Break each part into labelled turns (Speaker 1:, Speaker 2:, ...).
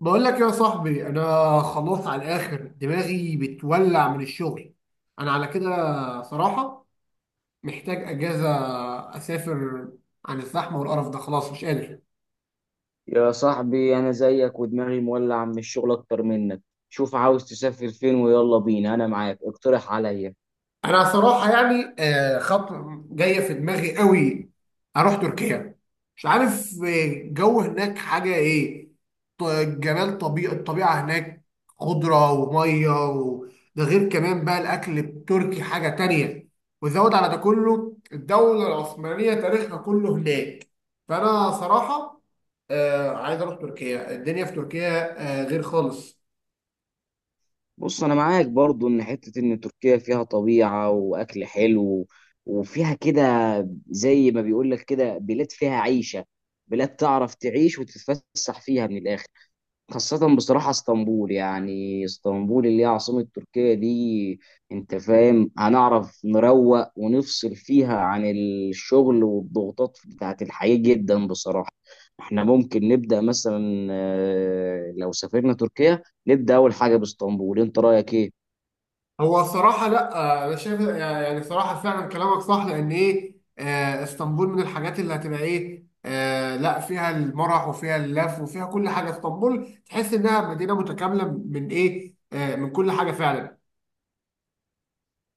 Speaker 1: بقول لك يا صاحبي، انا خلاص على الاخر دماغي بتولع من الشغل. انا على كده صراحة محتاج اجازة، اسافر عن الزحمة والقرف ده، خلاص مش قادر.
Speaker 2: يا صاحبي انا زيك ودماغي مولع من الشغل اكتر منك. شوف، عاوز تسافر فين ويلا بينا؟ انا معاك، اقترح عليا.
Speaker 1: انا صراحه يعني خطوه جايه في دماغي قوي، اروح تركيا. مش عارف جو هناك حاجه ايه. ط- جمال الطبيعه هناك، خضره وميه و. ده غير كمان بقى الاكل التركي حاجه تانية، وزود على ده كله الدوله العثمانيه تاريخها كله هناك. فانا صراحه عايز اروح تركيا، الدنيا في تركيا غير خالص.
Speaker 2: بص انا معاك برضو ان حتة ان تركيا فيها طبيعة واكل حلو وفيها كده، زي ما بيقولك كده بلاد فيها عيشة، بلاد تعرف تعيش وتتفسح فيها من الاخر. خاصة بصراحة اسطنبول، يعني اسطنبول اللي هي عاصمة تركيا دي. انت فاهم، هنعرف نروق ونفصل فيها عن الشغل والضغوطات بتاعت الحياة جدا بصراحة. احنا ممكن نبدأ مثلا لو سافرنا تركيا نبدأ أول حاجة باسطنبول، انت رأيك ايه؟
Speaker 1: هو الصراحة لا، أنا شايف يعني صراحة فعلا كلامك صح، لأن إيه اسطنبول من الحاجات اللي هتبقى إيه لا، فيها المرح وفيها اللف وفيها كل حاجة. اسطنبول تحس إنها مدينة متكاملة من إيه من كل حاجة فعلا.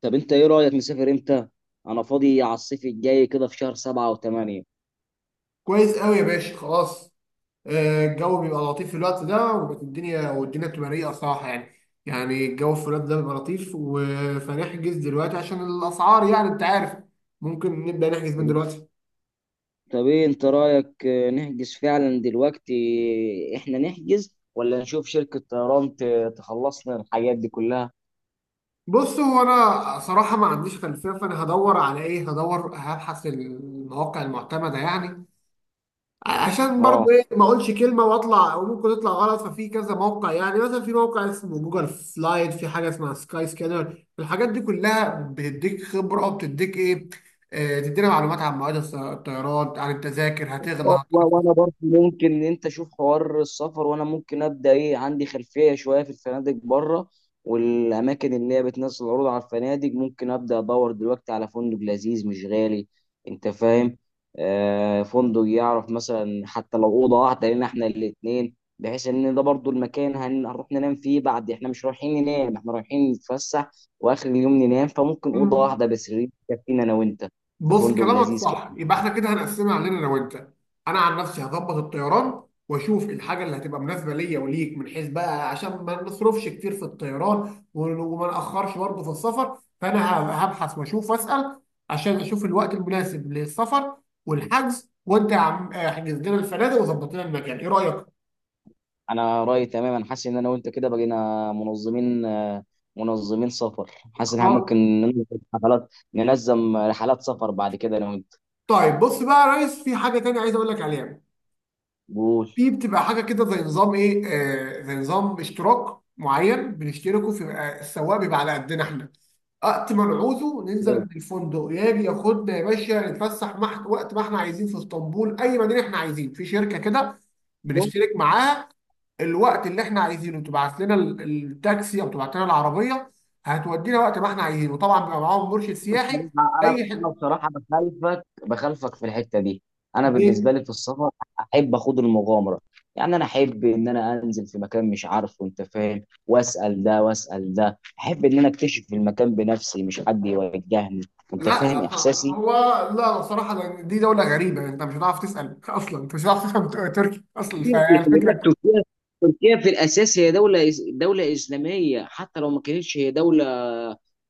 Speaker 2: طب انت ايه رأيك، نسافر امتى؟ انا فاضي على الصيف الجاي كده في شهر 7 و8.
Speaker 1: كويس قوي يا باشا، خلاص. الجو بيبقى لطيف في الوقت ده، والدنيا بتبقى رايقة صراحة يعني. يعني الجو في الوقت ده بيبقى لطيف فنحجز دلوقتي عشان الأسعار، يعني أنت عارف، ممكن نبدأ نحجز من دلوقتي.
Speaker 2: طب ايه انت رأيك نحجز فعلا دلوقتي؟ احنا نحجز ولا نشوف شركة طيران تخلصنا الحاجات دي كلها؟
Speaker 1: بص، هو انا صراحه ما عنديش خلفيه، فانا هدور على ايه، هدور هبحث المواقع المعتمده يعني. عشان
Speaker 2: اه.
Speaker 1: برضو ايه، ما اقولش كلمه واطلع، او ممكن تطلع غلط، ففي كذا موقع، يعني مثلا في موقع اسمه جوجل سلايد، في حاجه اسمها سكاي سكانر. الحاجات دي كلها بتديك خبره، وبتديك ايه، تدينا معلومات عن مواعيد الطيران، عن التذاكر هتغلى.
Speaker 2: وانا برضه ممكن ان انت شوف حوار السفر وانا ممكن ابدا ايه، عندي خلفيه شويه في الفنادق بره والاماكن اللي هي بتنزل عروض على الفنادق. ممكن ابدا ادور دلوقتي على فندق لذيذ مش غالي، انت فاهم، آه، فندق يعرف مثلا حتى لو اوضه واحده لنا احنا الاثنين، بحيث ان ده برضو المكان هنروح ننام فيه بعد، احنا مش رايحين ننام، احنا رايحين نتفسح واخر اليوم ننام. فممكن اوضه واحده بس تكفينا انا وانت في
Speaker 1: بص،
Speaker 2: فندق
Speaker 1: كلامك
Speaker 2: لذيذ.
Speaker 1: صح، يبقى احنا كده هنقسمها علينا انا وانت. انا عن نفسي هظبط الطيران، واشوف الحاجه اللي هتبقى مناسبه ليا وليك من حيث بقى، عشان ما نصرفش كتير في الطيران وما ناخرش برضه في السفر، فانا هبحث واشوف واسال، عشان اشوف الوقت المناسب للسفر والحجز. وانت يا عم احجز لنا الفنادق، وظبط لنا المكان، ايه رايك؟
Speaker 2: انا رايي تماما، حاسس ان انا وانت كده بقينا منظمين، منظمين سفر. حاسس ان احنا
Speaker 1: خلاص.
Speaker 2: ممكن ننظم حفلات، ننظم رحلات سفر بعد كده انا وانت.
Speaker 1: طيب بص بقى يا ريس، في حاجه تانيه عايز اقول لك عليها.
Speaker 2: قول.
Speaker 1: في بتبقى حاجه كده زي نظام ايه، آه زي نظام اشتراك معين بنشتركه في السواق، بيبقى على قدنا احنا، وقت ما نعوزه ننزل من الفندق يجي ياخدنا يا باشا نتفسح، وقت ما احنا عايزين في اسطنبول، اي مدينه احنا عايزين، في شركه كده
Speaker 2: بص،
Speaker 1: بنشترك معاها. الوقت اللي احنا عايزينه تبعت لنا التاكسي، او تبعت لنا العربيه، هتودينا وقت ما احنا عايزينه. طبعا بيبقى معاهم مرشد سياحي.
Speaker 2: بصراحة انا
Speaker 1: اي
Speaker 2: انا
Speaker 1: حته؟
Speaker 2: بصراحه بخالفك في الحته دي. انا بالنسبه
Speaker 1: إيه،
Speaker 2: لي في السفر احب اخد المغامره، يعني انا احب ان انا انزل في مكان مش عارفه، انت فاهم، واسال ده واسال ده، احب ان انا اكتشف المكان بنفسي مش حد يوجهني. انت
Speaker 1: لا
Speaker 2: فاهم احساسي.
Speaker 1: هو لا، بصراحة، لأن دي دولة غريبة، انت مش هتعرف تسأل اصلا، انت مش هتعرف تفهم تركي اصلا،
Speaker 2: خلي بالك
Speaker 1: فالفكرة.
Speaker 2: تركيا، تركيا في الاساس هي دوله دوله اسلاميه، حتى لو ما كانتش هي دوله،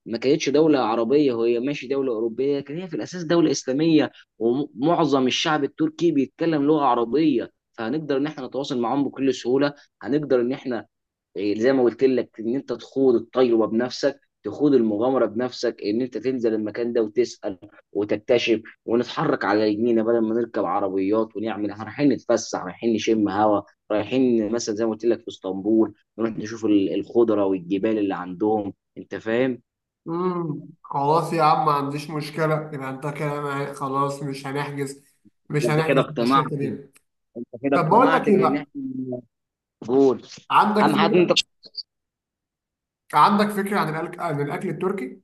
Speaker 2: ما كانتش دوله عربيه، هي ماشي دوله اوروبيه لكن هي في الاساس دوله اسلاميه. ومعظم الشعب التركي بيتكلم لغه عربيه، فهنقدر ان احنا نتواصل معاهم بكل سهوله. هنقدر ان احنا زي ما قلت لك، ان انت تخوض التجربه بنفسك، تخوض المغامره بنفسك، ان انت تنزل المكان ده وتسال وتكتشف، ونتحرك على رجلينا بدل ما نركب عربيات ونعمل. إحنا رايحين نتفسح، رايحين نشم هوا، رايحين مثلا زي ما قلت لك في اسطنبول نروح نشوف الخضره والجبال اللي عندهم، انت فاهم.
Speaker 1: خلاص يا عم، ما عنديش مشكلة، يبقى انت كده معايا. خلاص مش هنحجز، مش
Speaker 2: انت كده
Speaker 1: هنحجز مع
Speaker 2: اقتنعت،
Speaker 1: الشركة دي.
Speaker 2: انت كده
Speaker 1: طب بقول لك
Speaker 2: اقتنعت
Speaker 1: ايه
Speaker 2: بان
Speaker 1: بقى،
Speaker 2: احنا. قول،
Speaker 1: عندك
Speaker 2: اهم حاجه إن انت.
Speaker 1: فكرة عندك فكرة عن الأكل التركي؟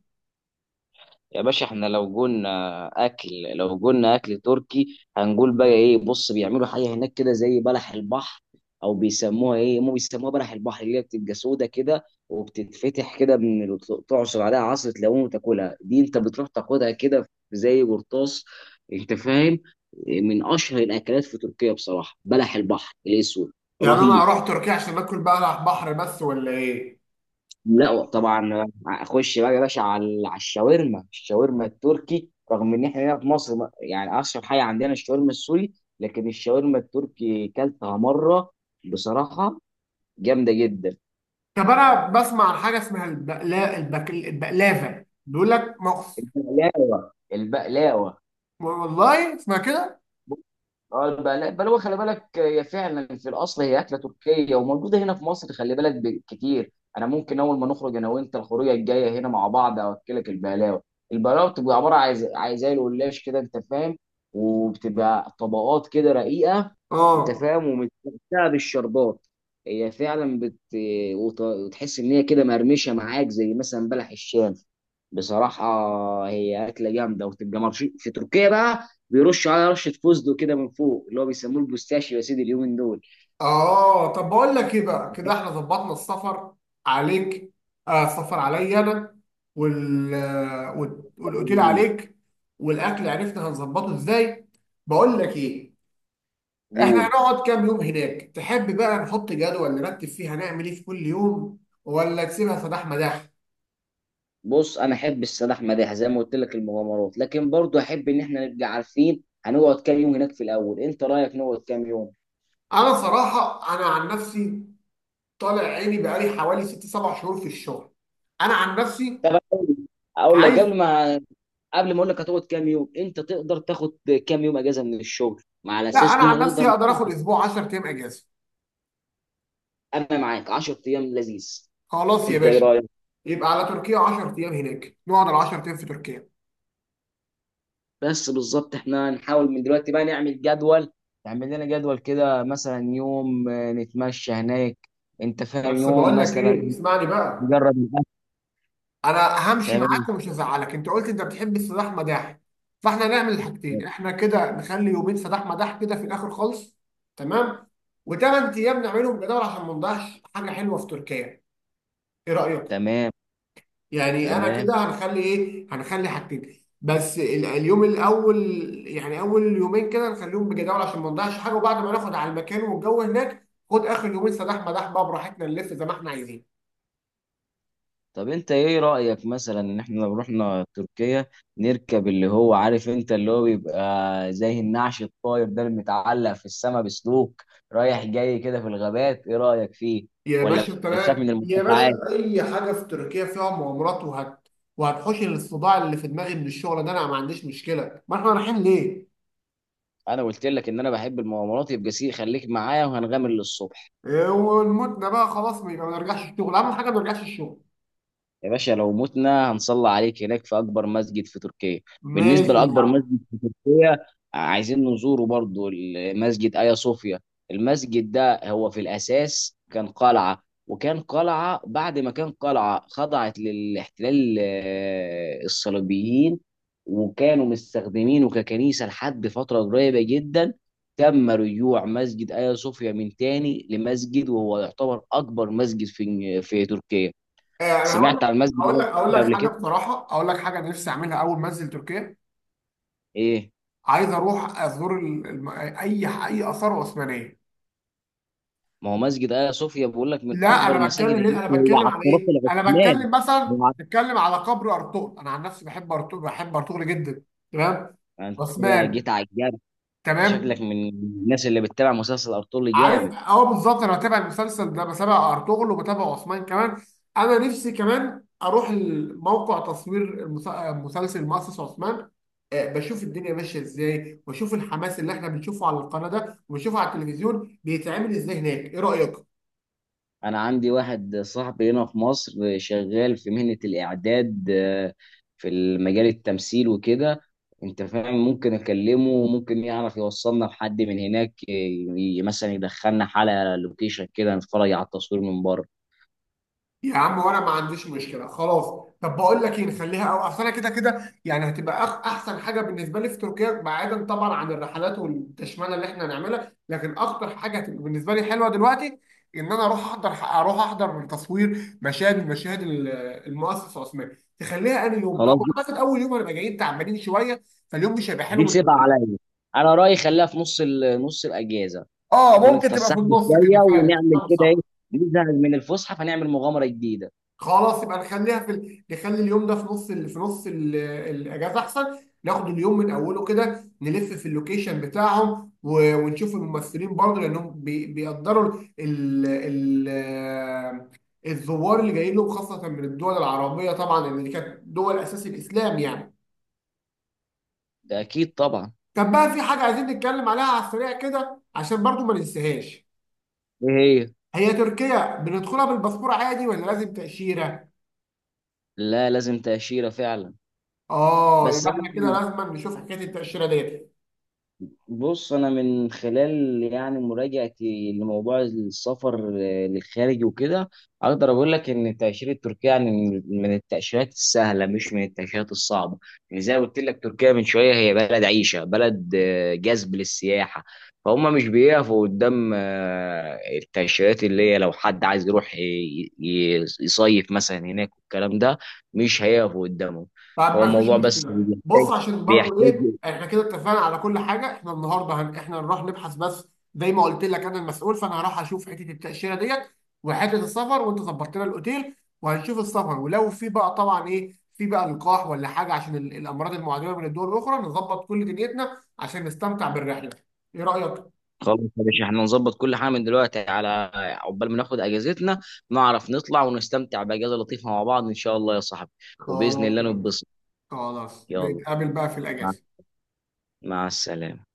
Speaker 2: يا باشا احنا لو قلنا اكل، لو قلنا اكل تركي هنقول بقى ايه؟ بص بيعملوا حاجه هناك كده زي بلح البحر، او بيسموها ايه، هم بيسموها بلح البحر، اللي هي بتبقى سودا كده وبتتفتح كده من تعصر عليها عصره ليمون وتاكلها. دي انت بتروح تاخدها كده زي قرطاس، انت فاهم، من اشهر الاكلات في تركيا بصراحه بلح البحر الاسود.
Speaker 1: يعني انا
Speaker 2: رهيب.
Speaker 1: اروح تركيا عشان اكل بقى بحر بس ولا ايه؟
Speaker 2: لا طبعا، اخش بقى يا باشا على على الشاورما. الشاورما التركي رغم ان احنا هنا في مصر يعني اشهر حاجه عندنا الشاورما السوري، لكن الشاورما التركي كلتها مره بصراحه، جامده جدا.
Speaker 1: طب انا بسمع عن حاجة اسمها البقلافة، بيقول لك مخ.
Speaker 2: البقلاوه البقلاوه.
Speaker 1: والله اسمها كده.
Speaker 2: اه البقلاوه البقلاوه، خلي بالك هي فعلا في الاصل هي اكله تركيه وموجوده هنا في مصر، خلي بالك كتير. انا ممكن اول ما نخرج انا وانت الخروجه الجايه هنا مع بعض اوكلك البقلاوه. البقلاوه بتبقى عباره عن زي عن زي القلاش كده، انت فاهم، وبتبقى طبقات كده رقيقه، انت
Speaker 1: اه.
Speaker 2: فاهم، ومتمتعه بالشربات. هي فعلا وتحس ان هي كده مرمشه معاك زي مثلا بلح الشام. بصراحة هي أكلة جامدة، وتبقى مرشي في تركيا بقى، بيرش على رشه فوزدو كده من فوق اللي هو بيسموه البوستاشيو، يا سيدي اليومين دول.
Speaker 1: اه، طب بقول لك ايه بقى، كده احنا ظبطنا السفر عليك، آه السفر عليا انا، والاوتيل عليك، والاكل عرفنا هنظبطه ازاي. بقول لك ايه، احنا
Speaker 2: قول.
Speaker 1: هنقعد كام يوم هناك؟ تحب بقى نحط جدول نرتب فيه هنعمل ايه في كل يوم، ولا تسيبها صداح مداح؟
Speaker 2: بص انا احب السيد احمد يحيى زي ما قلت لك المغامرات، لكن برضو احب ان احنا نبقى عارفين هنقعد كام يوم هناك في الاول. انت رايك نقعد كام يوم؟
Speaker 1: انا صراحة انا عن نفسي طالع عيني بقالي حوالي ست سبع شهور في الشغل. انا عن نفسي
Speaker 2: طب اقول لك،
Speaker 1: عايز.
Speaker 2: قبل ما اقول لك هتقعد كام يوم، انت تقدر تاخد كام يوم اجازه من الشغل مع
Speaker 1: لا
Speaker 2: الاساس
Speaker 1: انا
Speaker 2: دي
Speaker 1: عن نفسي
Speaker 2: هنقدر.
Speaker 1: هقدر اخد اسبوع 10 ايام اجازة.
Speaker 2: انا معاك، 10 ايام لذيذ،
Speaker 1: خلاص يا
Speaker 2: انت ايه
Speaker 1: باشا،
Speaker 2: رايك؟
Speaker 1: يبقى على تركيا 10 ايام هناك، نقعد ال 10 ايام في تركيا.
Speaker 2: بس بالظبط احنا نحاول من دلوقتي بقى نعمل جدول، نعمل لنا جدول كده مثلا يوم نتمشى هناك، انت فاهم،
Speaker 1: بس
Speaker 2: يوم
Speaker 1: بقول لك ايه،
Speaker 2: مثلا
Speaker 1: اسمعني بقى.
Speaker 2: نجرب الاكل.
Speaker 1: انا همشي معاك
Speaker 2: تمام.
Speaker 1: ومش هزعلك، انت قلت انت بتحب السداح مداح، فاحنا هنعمل الحاجتين. احنا كده نخلي يومين سداح مداح كده في الاخر خالص، تمام. و8 ايام نعملهم جدول عشان ما نضيعش حاجه حلوه في تركيا، ايه رايك؟
Speaker 2: تمام.
Speaker 1: يعني انا كده
Speaker 2: تمام.
Speaker 1: هنخلي ايه، هنخلي حاجتين بس، اليوم الاول، يعني اول يومين كده نخليهم بجداول عشان ما نضيعش حاجه، وبعد ما ناخد على المكان والجو هناك، خد اخر يومين سداح مداح بقى براحتنا، نلف زي ما احنا عايزين.
Speaker 2: طب انت ايه رأيك مثلا ان احنا لو رحنا تركيا نركب اللي هو عارف انت اللي هو بيبقى زي النعش الطاير ده اللي متعلق في السماء بسلوك، رايح جاي كده في الغابات، ايه رأيك فيه؟
Speaker 1: يا
Speaker 2: ولا
Speaker 1: باشا
Speaker 2: بتخاف من
Speaker 1: تمام يا
Speaker 2: المرتفعات؟
Speaker 1: باشا، اي حاجه في تركيا فيها مغامرات وهتحوش الصداع اللي في دماغي من الشغل ده، انا ما عنديش مشكله، ما احنا رايحين ليه.
Speaker 2: انا قلت لك ان انا بحب المغامرات، يبقى سي خليك معايا وهنغامر للصبح.
Speaker 1: إيه، ونموتنا بقى خلاص، ما يبقى ما نرجعش الشغل، اهم حاجه ما نرجعش الشغل.
Speaker 2: يا باشا لو متنا هنصلي عليك هناك في اكبر مسجد في تركيا. بالنسبه
Speaker 1: ماشي يا
Speaker 2: لاكبر
Speaker 1: عم.
Speaker 2: مسجد في تركيا، عايزين نزوره برضو، المسجد ايا صوفيا. المسجد ده هو في الاساس كان قلعه، وكان قلعه، بعد ما كان قلعه خضعت للاحتلال الصليبيين، وكانوا مستخدمينه ككنيسه لحد فتره قريبه جدا. تم رجوع مسجد ايا صوفيا من تاني لمسجد، وهو يعتبر اكبر مسجد في تركيا.
Speaker 1: انا هقول لك،
Speaker 2: سمعت عن مسجد
Speaker 1: هقول
Speaker 2: ايا
Speaker 1: لك هقول لك
Speaker 2: صوفيا قبل
Speaker 1: حاجه
Speaker 2: كده؟
Speaker 1: بصراحه، اقول لك حاجه نفسي اعملها اول ما انزل تركيا.
Speaker 2: ايه.
Speaker 1: عايز اروح ازور اي اثار عثمانيه.
Speaker 2: ما هو مسجد ايا صوفيا بقول لك من
Speaker 1: لا
Speaker 2: اكبر
Speaker 1: انا
Speaker 2: المساجد
Speaker 1: بتكلم ليه،
Speaker 2: هناك،
Speaker 1: انا
Speaker 2: هو
Speaker 1: بتكلم
Speaker 2: على
Speaker 1: على
Speaker 2: الطرف
Speaker 1: ايه، انا
Speaker 2: العثماني.
Speaker 1: بتكلم مثلا،
Speaker 2: هو على-
Speaker 1: بتكلم على قبر ارطغرل، انا عن نفسي بحب ارطغرل، بحب ارطغرل جدا، تمام،
Speaker 2: انت كده
Speaker 1: عثمان،
Speaker 2: جيت على الجرح. انت شكلك
Speaker 1: تمام.
Speaker 2: من الناس اللي بتتابع مسلسل ارطغرل
Speaker 1: عارف،
Speaker 2: جامد.
Speaker 1: اه بالظبط، انا بتابع المسلسل ده، بتابع ارطغرل وبتابع عثمان كمان. انا نفسي كمان اروح موقع تصوير مسلسل مؤسس عثمان، بشوف الدنيا ماشيه ازاي، واشوف الحماس اللي احنا بنشوفه على القناه ده وبنشوفه على التلفزيون بيتعمل ازاي هناك، ايه رايك؟
Speaker 2: انا عندي واحد صاحبي هنا في مصر شغال في مهنة الاعداد، في المجال التمثيل وكده، انت فاهم، ممكن اكلمه وممكن يعرف يوصلنا لحد من هناك، مثلا يدخلنا حلقة لوكيشن كده نتفرج على التصوير من بره.
Speaker 1: يا عم وانا ما عنديش مشكله، خلاص. طب بقول لك ايه، نخليها، او اصل انا كده كده يعني، هتبقى احسن حاجه بالنسبه لي في تركيا، بعيدا طبعا عن الرحلات والتشمانه اللي احنا هنعملها، لكن اكتر حاجه هتبقى بالنسبه لي حلوه دلوقتي، ان انا اروح احضر، اروح احضر من تصوير مشاهد المؤسس العثماني. تخليها انهي يوم؟ او
Speaker 2: خلاص،
Speaker 1: اعتقد اول يوم هنبقى جايين تعبانين شويه، فاليوم مش هيبقى حلو
Speaker 2: دي
Speaker 1: من
Speaker 2: سيبها
Speaker 1: أوله.
Speaker 2: عليا. انا رايي خليها في نص الاجازه،
Speaker 1: اه
Speaker 2: نكون
Speaker 1: ممكن تبقى في
Speaker 2: اتفسحنا
Speaker 1: النص كده،
Speaker 2: شويه
Speaker 1: فعلا
Speaker 2: ونعمل
Speaker 1: كلامك
Speaker 2: كده ايه،
Speaker 1: صح.
Speaker 2: نزهق من الفسحه فنعمل مغامره جديده.
Speaker 1: خلاص يبقى نخلي اليوم ده في نص الاجازه احسن. ناخد اليوم من اوله كده نلف في اللوكيشن بتاعهم، ونشوف الممثلين برضه لانهم بيقدروا الزوار اللي جايين لهم، خاصه من الدول العربيه طبعا، لان دي كانت دول اساس الاسلام يعني.
Speaker 2: ده اكيد طبعا.
Speaker 1: كان بقى في حاجه عايزين نتكلم عليها على السريع كده، عشان برضه ما ننساهاش.
Speaker 2: ايه. هي.
Speaker 1: هي تركيا بندخلها بالباسبور عادي، ولا لازم تاشيره؟
Speaker 2: لا، لازم تأشيرة فعلا.
Speaker 1: اه،
Speaker 2: بس
Speaker 1: يبقى احنا كده لازم نشوف حكايه التاشيره ديت.
Speaker 2: بص انا من خلال يعني مراجعتي لموضوع السفر للخارج وكده، اقدر اقول لك ان التاشيره التركيه يعني من التاشيرات السهله مش من التاشيرات الصعبه. يعني زي ما قلت لك تركيا من شويه هي بلد عيشه، بلد جذب للسياحه، فهم مش بيقفوا قدام التاشيرات. اللي هي لو حد عايز يروح يصيف مثلا هناك والكلام ده مش هيقفوا قدامهم.
Speaker 1: طب
Speaker 2: هو
Speaker 1: ما فيش
Speaker 2: الموضوع بس
Speaker 1: مشكله،
Speaker 2: بيحتاج
Speaker 1: بص عشان برضو
Speaker 2: بيحتاج
Speaker 1: ايه، احنا كده اتفقنا على كل حاجه، احنا النهارده احنا نروح نبحث بس. زي ما قلت لك انا المسؤول، فانا هروح اشوف حته التاشيره ديت وحته السفر، وانت ظبطت لنا الاوتيل. وهنشوف السفر، ولو في بقى طبعا ايه، في بقى لقاح ولا حاجه عشان الامراض المعديه من الدول الاخرى، نظبط كل دنيتنا عشان نستمتع بالرحله، ايه رايك؟
Speaker 2: خلاص يا باشا، احنا نظبط كل حاجه من دلوقتي على عقبال ما ناخد اجازتنا، نعرف نطلع ونستمتع باجازه لطيفه مع بعض ان شاء الله يا صاحبي، وباذن
Speaker 1: خلاص،
Speaker 2: الله نتبسط.
Speaker 1: خلاص
Speaker 2: يلا،
Speaker 1: نتقابل بقى في
Speaker 2: مع
Speaker 1: الاجازه.
Speaker 2: مع السلامه.